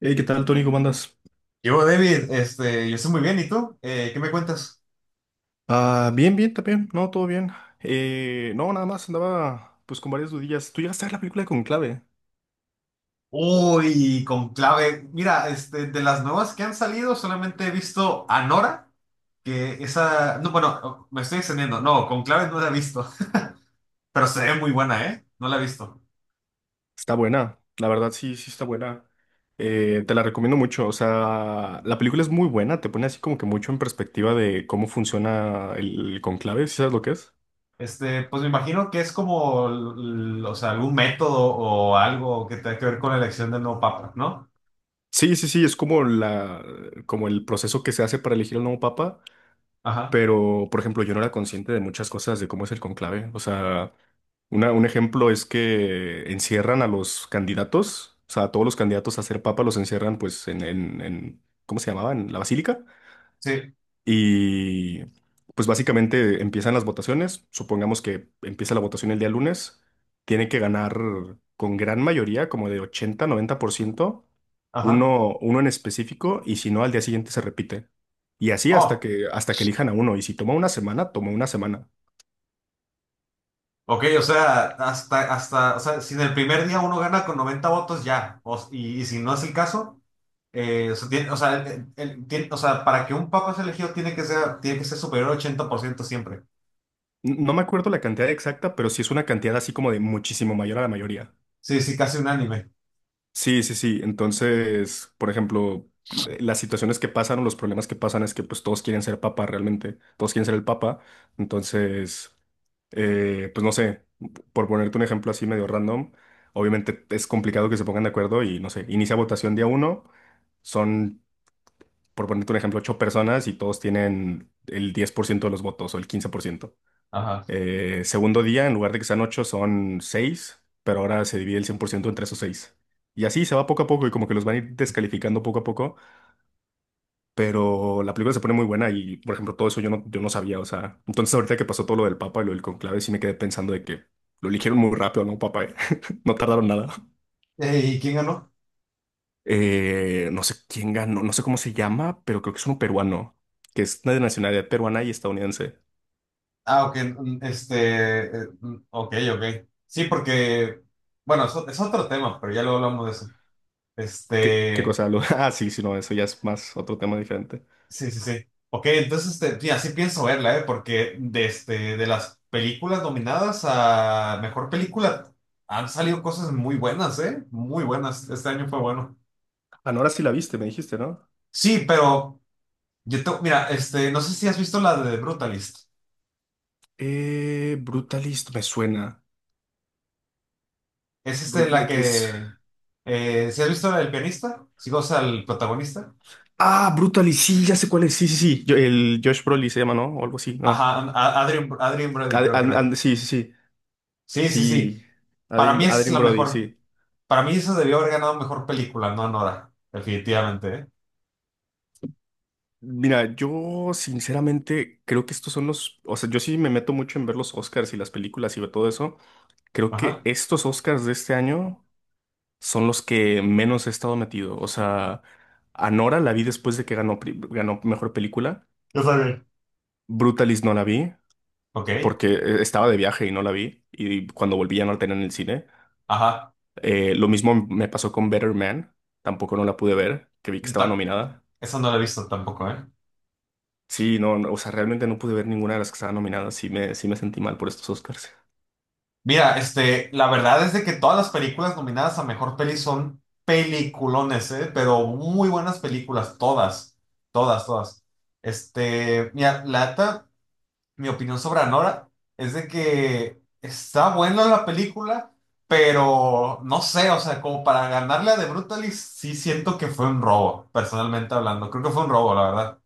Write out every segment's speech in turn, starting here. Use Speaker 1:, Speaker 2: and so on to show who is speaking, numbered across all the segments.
Speaker 1: Hey, ¿qué tal, Tony? ¿Cómo andas?
Speaker 2: Yo, David, yo estoy muy bien, ¿y tú? ¿Qué me cuentas?
Speaker 1: Ah, bien, bien, también. No, todo bien. No, nada más andaba pues con varias dudillas. ¿Tú llegaste a ver la película con clave?
Speaker 2: Uy, con clave. Mira, de las nuevas que han salido, solamente he visto Anora, que esa, no, bueno, me estoy extendiendo, no, con clave no la he visto, pero se ve muy buena, ¿eh? No la he visto.
Speaker 1: Está buena, la verdad sí, sí está buena. Te la recomiendo mucho. O sea, la película es muy buena, te pone así como que mucho en perspectiva de cómo funciona el conclave, ¿sí sabes lo que es?
Speaker 2: Pues me imagino que es como, o sea, algún método o algo que tenga que ver con la elección del nuevo papa, ¿no?
Speaker 1: Sí, sí, sí, es como el proceso que se hace para elegir al nuevo papa.
Speaker 2: Ajá,
Speaker 1: Pero, por ejemplo, yo no era consciente de muchas cosas de cómo es el conclave. O sea, un ejemplo es que encierran a los candidatos, o sea, a todos los candidatos a ser papa los encierran pues en ¿cómo se llamaba? En la basílica.
Speaker 2: sí,
Speaker 1: Y pues básicamente empiezan las votaciones. Supongamos que empieza la votación el día lunes. Tiene que ganar con gran mayoría, como de 80-90%
Speaker 2: ajá.
Speaker 1: uno en específico, y si no, al día siguiente se repite. Y así hasta
Speaker 2: Oh.
Speaker 1: que, hasta que elijan a uno. Y si toma una semana, toma una semana.
Speaker 2: Ok, o sea, hasta, o sea, si en el primer día uno gana con 90, ya. Y, y si no es el caso, o sea, o sea, o sea, para que un papa sea elegido tiene que ser superior al 80% siempre.
Speaker 1: No me acuerdo la cantidad exacta, pero sí es una cantidad así como de muchísimo mayor a la mayoría.
Speaker 2: Sí, sí, casi unánime.
Speaker 1: Sí, sí, sí. Entonces, por ejemplo, las situaciones que pasan o los problemas que pasan es que pues todos quieren ser papa realmente, todos quieren ser el papa. Entonces, pues no sé, por ponerte un ejemplo así medio random, obviamente es complicado que se pongan de acuerdo y no sé, inicia votación día uno, son, por ponerte un ejemplo, ocho personas y todos tienen el 10% de los votos o el 15%.
Speaker 2: Ajá.
Speaker 1: Segundo día, en lugar de que sean ocho, son seis, pero ahora se divide el 100% entre esos seis. Y así se va poco a poco y como que los van a ir descalificando poco a poco, pero la película se pone muy buena y, por ejemplo, todo eso yo no sabía, o sea, entonces ahorita que pasó todo lo del Papa y lo del conclave, sí me quedé pensando de que lo eligieron muy rápido, ¿no, Papa? ¿eh? No tardaron nada.
Speaker 2: ¿Y quién ganó?
Speaker 1: No sé quién ganó, no sé cómo se llama, pero creo que es uno peruano, que es de nacionalidad peruana y estadounidense.
Speaker 2: Ah, ok, ok, ok. Sí, porque, bueno, eso es otro tema, pero ya luego hablamos de eso.
Speaker 1: ¿Qué, qué
Speaker 2: Este,
Speaker 1: cosa? Lo- Ah, sí, sí, no, eso ya es más otro tema diferente.
Speaker 2: Sí, sí, sí. Ok, entonces, sí, así pienso verla, ¿eh? Porque de, de las películas nominadas a mejor película han salido cosas muy buenas, ¿eh? Muy buenas. Este año fue bueno.
Speaker 1: Anora sí la viste, me dijiste, ¿no?
Speaker 2: Sí, pero mira, no sé si has visto la de Brutalist.
Speaker 1: Brutalist me suena.
Speaker 2: Es este
Speaker 1: Brut-
Speaker 2: la
Speaker 1: ¿de qué es?
Speaker 2: que, ¿sí has visto la del pianista? Sí, o sea, el protagonista.
Speaker 1: Ah, Brutalist, sí, ya sé cuál es. Sí, sí, sí. El Josh Brolin se llama, ¿no? O algo así, ¿no?
Speaker 2: Ajá, Adrien, Brody
Speaker 1: Ad-
Speaker 2: creo que
Speaker 1: and-
Speaker 2: era.
Speaker 1: and- sí, sí, sí.
Speaker 2: Sí, sí, sí.
Speaker 1: Sí.
Speaker 2: Para mí
Speaker 1: Adrien,
Speaker 2: es
Speaker 1: Adrien
Speaker 2: la
Speaker 1: Brody,
Speaker 2: mejor.
Speaker 1: sí.
Speaker 2: Para mí esa debió haber ganado mejor película, no Nora. Definitivamente, ¿eh?
Speaker 1: Mira, yo sinceramente creo que estos son los. O sea, yo sí me meto mucho en ver los Oscars y las películas y ver todo eso. Creo que
Speaker 2: Ajá.
Speaker 1: estos Oscars de este año son los que menos he estado metido. O sea, Anora la vi después de que ganó, ganó mejor película.
Speaker 2: Yo también.
Speaker 1: Brutalis no la vi
Speaker 2: Ok,
Speaker 1: porque estaba de viaje y no la vi. Y cuando volví ya no la tenía en el cine.
Speaker 2: ajá.
Speaker 1: Lo mismo me pasó con Better Man. Tampoco no la pude ver, que vi que
Speaker 2: Yo
Speaker 1: estaba
Speaker 2: ta-
Speaker 1: nominada.
Speaker 2: Esa no la he visto tampoco, ¿eh?
Speaker 1: Sí, no, no, o sea, realmente no pude ver ninguna de las que estaban nominadas. Sí me sentí mal por estos Oscars.
Speaker 2: Mira, la verdad es de que todas las películas nominadas a mejor peli son peliculones, ¿eh? Pero muy buenas películas, todas, todas, todas. Mira, la neta, mi opinión sobre Anora es de que está buena la película, pero no sé, o sea, como para ganarle a The Brutalist, sí siento que fue un robo, personalmente hablando. Creo que fue un robo, la verdad.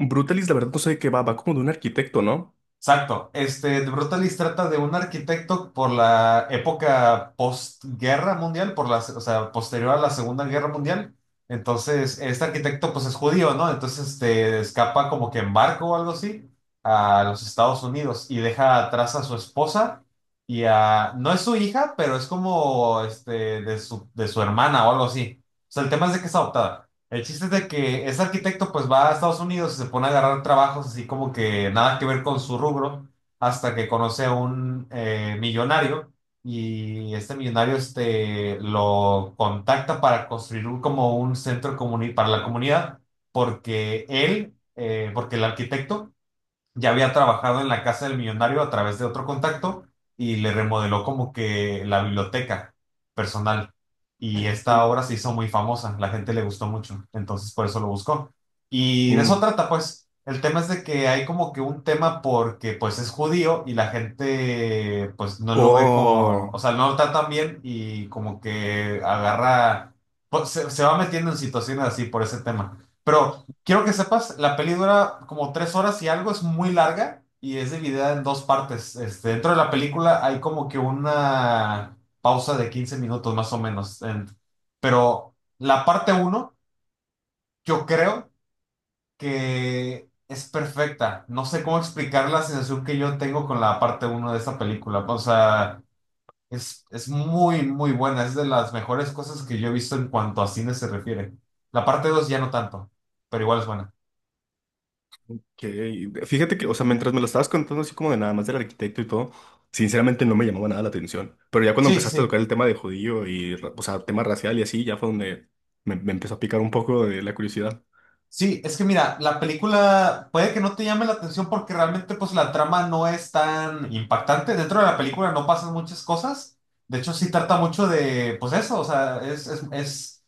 Speaker 1: Brutalis, la verdad, no sé de qué va. Va como de un arquitecto, ¿no?
Speaker 2: Exacto. The Brutalist trata de un arquitecto por la época postguerra mundial, por la, o sea, posterior a la Segunda Guerra Mundial. Entonces, este arquitecto pues es judío, ¿no? Entonces, escapa como que en barco o algo así a los Estados Unidos y deja atrás a su esposa y a, no es su hija, pero es como, de su hermana o algo así. O sea, el tema es de que es adoptada. El chiste es de que ese arquitecto pues va a Estados Unidos y se pone a agarrar trabajos así como que nada que ver con su rubro hasta que conoce a un millonario y este millonario lo contacta para construir como un para la comunidad porque él, porque el arquitecto ya había trabajado en la casa del millonario a través de otro contacto y le remodeló como que la biblioteca personal. Y esta
Speaker 1: Mm.
Speaker 2: obra se hizo muy famosa, la gente le gustó mucho, entonces por eso lo buscó. Y de eso
Speaker 1: Mm.
Speaker 2: trata, pues. El tema es de que hay como que un tema porque pues es judío y la gente pues no lo ve como,
Speaker 1: Oh.
Speaker 2: o sea, no lo tratan bien y como que agarra, pues, se va metiendo en situaciones así por ese tema. Pero quiero que sepas, la peli dura como 3 y algo, es muy larga y es dividida en dos partes. Dentro de la película hay como que una pausa de 15 más o menos. Pero la parte uno, yo creo que es perfecta. No sé cómo explicar la sensación que yo tengo con la parte uno de esta película. O sea, es muy, muy buena. Es de las mejores cosas que yo he visto en cuanto a cine se refiere. La parte dos ya no tanto, pero igual es buena.
Speaker 1: Que, fíjate que, o sea, mientras me lo estabas contando así como de nada más del arquitecto y todo, sinceramente no me llamaba nada la atención. Pero ya cuando
Speaker 2: Sí, sí,
Speaker 1: empezaste a
Speaker 2: sí.
Speaker 1: tocar el tema de judío y, o sea, tema racial y así, ya fue donde me empezó a picar un poco de la curiosidad.
Speaker 2: Sí, es que mira, la película puede que no te llame la atención porque realmente pues la trama no es tan impactante. Dentro de la película no pasan muchas cosas. De hecho, sí trata mucho de, pues eso, o sea,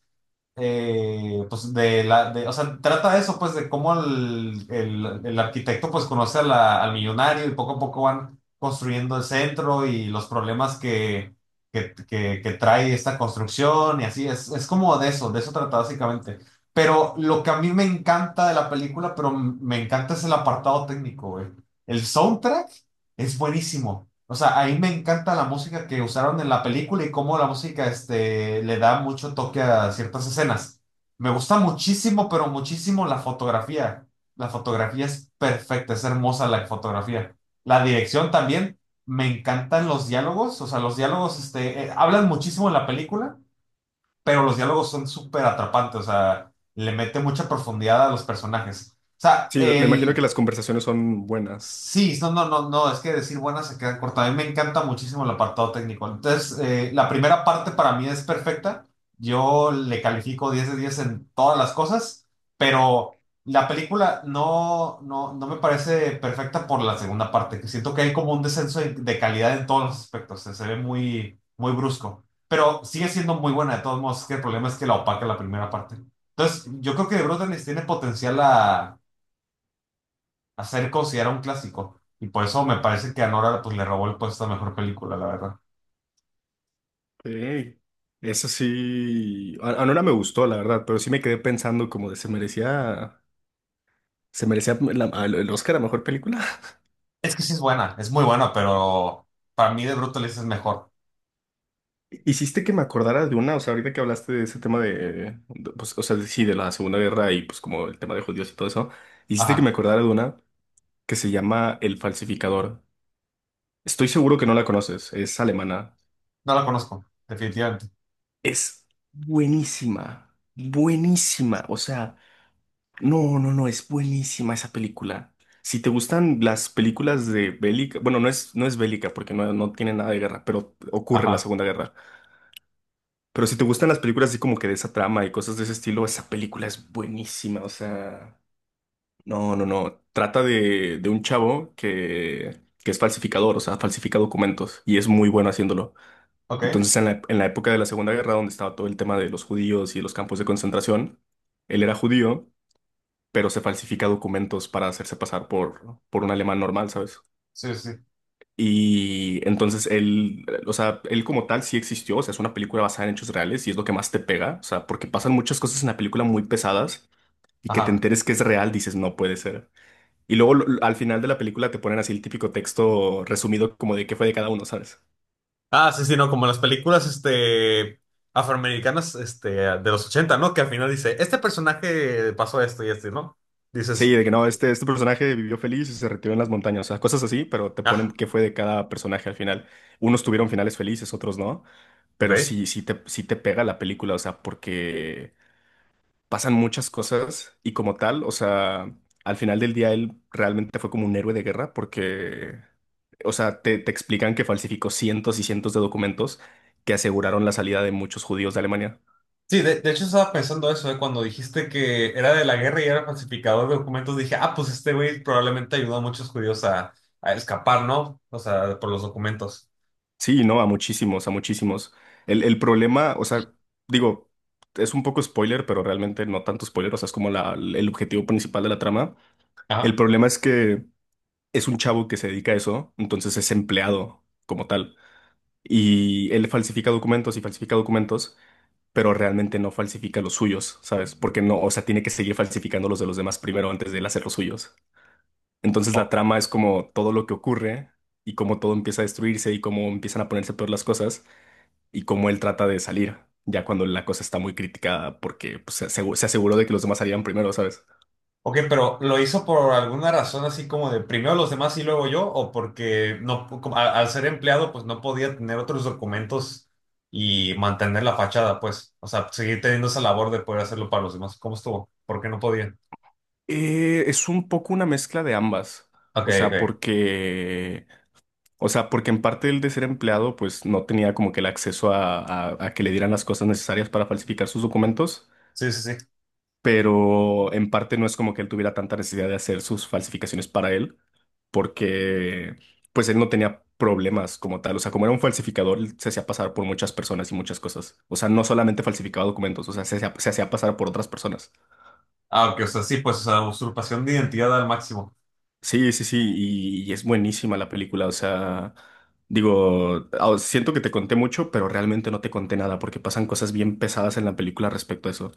Speaker 2: pues de la, de, o sea, trata eso, pues de cómo el arquitecto pues conoce a al millonario y poco a poco van construyendo el centro y los problemas que trae esta construcción y así, es como de eso trata básicamente. Pero lo que a mí me encanta de la película, pero me encanta es el apartado técnico, güey. El soundtrack es buenísimo. O sea, ahí me encanta la música que usaron en la película y cómo la música, le da mucho toque a ciertas escenas. Me gusta muchísimo, pero muchísimo la fotografía. La fotografía es perfecta, es hermosa la fotografía. La dirección también. Me encantan los diálogos. O sea, los diálogos, hablan muchísimo en la película pero los diálogos son súper atrapantes, o sea, le mete mucha profundidad a los personajes. O sea,
Speaker 1: Sí, me imagino que
Speaker 2: el,
Speaker 1: las conversaciones son buenas.
Speaker 2: sí, no, no, no, no, es que decir buena se queda corta. A mí me encanta muchísimo el apartado técnico. Entonces, la primera parte para mí es perfecta. Yo le califico 10 de 10 en todas las cosas, pero la película no me parece perfecta por la segunda parte, que siento que hay como un descenso de calidad en todos los aspectos. Se ve muy, muy brusco, pero sigue siendo muy buena de todos modos. Es que el problema es que la opaca la primera parte. Entonces, yo creo que The Brutalist tiene potencial a ser considerado un clásico. Y por eso me parece que a Nora pues, le robó el puesto a mejor película, la verdad.
Speaker 1: Ok. Eso sí, a Nora me gustó, la verdad, pero sí me quedé pensando como de se merecía el Oscar a mejor película.
Speaker 2: Es que sí es buena, es muy buena, pero para mí de Brutalist es mejor.
Speaker 1: Hiciste que me acordara de una, o sea, ahorita que hablaste de ese tema de, pues, o sea, sí, de la Segunda Guerra y pues como el tema de judíos y todo eso, hiciste que
Speaker 2: Ajá,
Speaker 1: me acordara de una que se llama El Falsificador. Estoy seguro que no la conoces, es alemana.
Speaker 2: no la conozco, definitivamente.
Speaker 1: Es buenísima, buenísima, o sea, no, no, no, es buenísima esa película. Si te gustan las películas de bélica, bueno, no es bélica porque no tiene nada de guerra, pero ocurre en la
Speaker 2: Ajá,
Speaker 1: Segunda Guerra. Pero si te gustan las películas así como que de esa trama y cosas de ese estilo, esa película es buenísima. O sea, no, no, no. Trata de un chavo que es falsificador, o sea, falsifica documentos y es muy bueno haciéndolo.
Speaker 2: ok,
Speaker 1: Entonces, en la época de la Segunda Guerra, donde estaba todo el tema de los judíos y los campos de concentración, él era judío, pero se falsifica documentos para hacerse pasar por un alemán normal, ¿sabes?
Speaker 2: sí, sí,
Speaker 1: Y entonces él, o sea, él como tal sí existió, o sea, es una película basada en hechos reales y es lo que más te pega, o sea, porque pasan muchas cosas en la película muy pesadas y que te
Speaker 2: ajá.
Speaker 1: enteres que es real, dices, no puede ser. Y luego lo- al final de la película te ponen así el típico texto resumido como de qué fue de cada uno, ¿sabes?
Speaker 2: Ah, sí, sí, no, como las películas, afroamericanas, de los ochenta, ¿no? Que al final dice, este personaje pasó esto y esto, ¿no?
Speaker 1: Sí,
Speaker 2: Dices,
Speaker 1: de que no, este personaje vivió feliz y se retiró en las montañas, o sea, cosas así, pero te ponen
Speaker 2: ah,
Speaker 1: qué fue de cada personaje al final. Unos tuvieron finales felices, otros no,
Speaker 2: ok.
Speaker 1: pero sí, sí te pega la película, o sea, porque... pasan muchas cosas y como tal, o sea, al final del día él realmente fue como un héroe de guerra porque, o sea, te explican que falsificó cientos y cientos de documentos que aseguraron la salida de muchos judíos de Alemania.
Speaker 2: Sí, de hecho estaba pensando eso, de cuando dijiste que era de la guerra y era falsificador de documentos, dije, ah, pues este güey probablemente ayudó a muchos judíos a escapar, ¿no? O sea, por los documentos.
Speaker 1: Sí, no, a muchísimos, a muchísimos. El problema, o sea, digo, es un poco spoiler, pero realmente no tanto spoiler, o sea, es como el objetivo principal de la trama. El
Speaker 2: Ajá.
Speaker 1: problema es que es un chavo que se dedica a eso, entonces es empleado como tal. Y él falsifica documentos y falsifica documentos, pero realmente no falsifica los suyos, ¿sabes? Porque no, o sea, tiene que seguir falsificando los de los demás primero antes de él hacer los suyos. Entonces la
Speaker 2: Oh,
Speaker 1: trama es como todo lo que ocurre y cómo todo empieza a destruirse y cómo empiezan a ponerse peor las cosas y cómo él trata de salir, ya cuando la cosa está muy criticada porque pues, se aseguró de que los demás salieran primero, ¿sabes?
Speaker 2: ok, pero ¿lo hizo por alguna razón así como de primero los demás y luego yo? ¿O porque no, como al ser empleado, pues no podía tener otros documentos y mantener la fachada, pues? O sea, seguir teniendo esa labor de poder hacerlo para los demás. ¿Cómo estuvo? ¿Por qué no podía?
Speaker 1: Es un poco una mezcla de ambas.
Speaker 2: Ok,
Speaker 1: O sea,
Speaker 2: ok.
Speaker 1: porque O sea, porque en parte el de ser empleado, pues no tenía como que el acceso a que le dieran las cosas necesarias para falsificar sus documentos,
Speaker 2: Sí, sí, sí.
Speaker 1: pero en parte no es como que él tuviera tanta necesidad de hacer sus falsificaciones para él, porque pues él no tenía problemas como tal. O sea, como era un falsificador, él se hacía pasar por muchas personas y muchas cosas. O sea, no solamente falsificaba documentos, o sea, se hacía pasar por otras personas.
Speaker 2: Ah, ok, o sea, sí, pues, o sea, usurpación de identidad al máximo.
Speaker 1: Sí, sí, sí, y es buenísima la película, o sea, digo, ah, siento que te conté mucho, pero realmente no te conté nada porque pasan cosas bien pesadas en la película respecto a eso.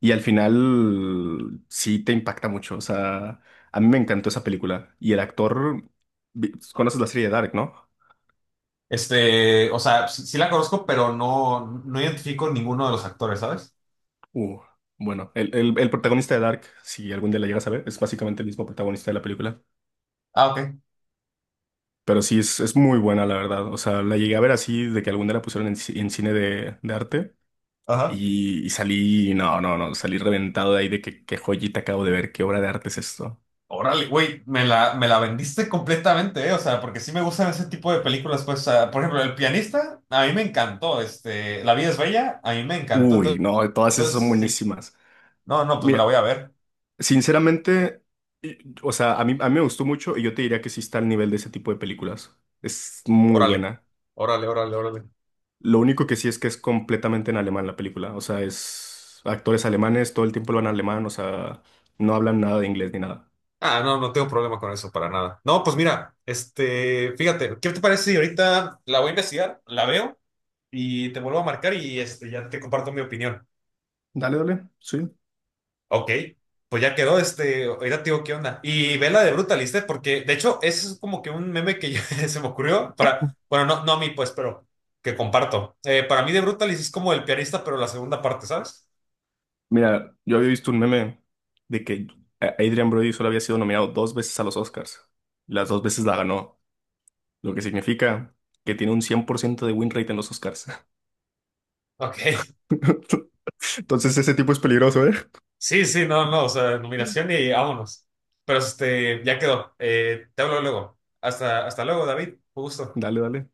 Speaker 1: Y al final sí te impacta mucho, o sea, a mí me encantó esa película. Y el actor, conoces la serie de Dark, ¿no?
Speaker 2: O sea, sí, sí la conozco, pero no, no identifico ninguno de los actores, ¿sabes?
Speaker 1: Uh, bueno, el protagonista de Dark, si algún día la llegas a ver, es básicamente el mismo protagonista de la película.
Speaker 2: Ah, ok.
Speaker 1: Pero sí, es muy buena, la verdad. O sea, la llegué a ver así de que algún día la pusieron en cine de arte.
Speaker 2: Ajá.
Speaker 1: Y salí, no, no, no, salí reventado de ahí de que qué joyita acabo de ver, qué obra de arte es esto.
Speaker 2: Órale, güey, me la vendiste completamente, ¿eh? O sea, porque sí me gustan ese tipo de películas, pues, o sea, por ejemplo, El pianista, a mí me encantó, La vida es bella, a mí me encantó,
Speaker 1: Uy,
Speaker 2: entonces,
Speaker 1: no, todas esas son
Speaker 2: entonces, sí.
Speaker 1: buenísimas.
Speaker 2: No, no, pues me la
Speaker 1: Mira,
Speaker 2: voy a ver.
Speaker 1: sinceramente, y- o sea, a mí me gustó mucho y yo te diría que sí está al nivel de ese tipo de películas. Es muy
Speaker 2: Órale,
Speaker 1: buena.
Speaker 2: órale, órale, órale.
Speaker 1: Lo único que sí es que es completamente en alemán la película. O sea, es actores alemanes, todo el tiempo lo van alemán, o sea, no hablan nada de inglés ni nada.
Speaker 2: Ah, no, no tengo problema con eso para nada. No, pues mira, fíjate, ¿qué te parece si ahorita la voy a investigar, la veo y te vuelvo a marcar y ya te comparto mi opinión?
Speaker 1: Dale, dale, sí.
Speaker 2: Ok, pues ya quedó, ahorita te digo qué onda. Y ve la de Brutaliste, porque de hecho ese es como que un meme que se me ocurrió para, bueno, no, no a mí pues, pero que comparto. Para mí de Brutalist es como el pianista, pero la segunda parte, ¿sabes?
Speaker 1: Mira, yo había visto un meme de que Adrian Brody solo había sido nominado dos veces a los Oscars. Las dos veces la ganó, lo que significa que tiene un 100% de win rate en los Oscars.
Speaker 2: Ok.
Speaker 1: Entonces ese tipo es peligroso, ¿eh?
Speaker 2: Sí, sí, no, no, o sea, nominación y vámonos. Pero ya quedó. Te hablo luego. Hasta luego, David. Un gusto.
Speaker 1: Dale, dale.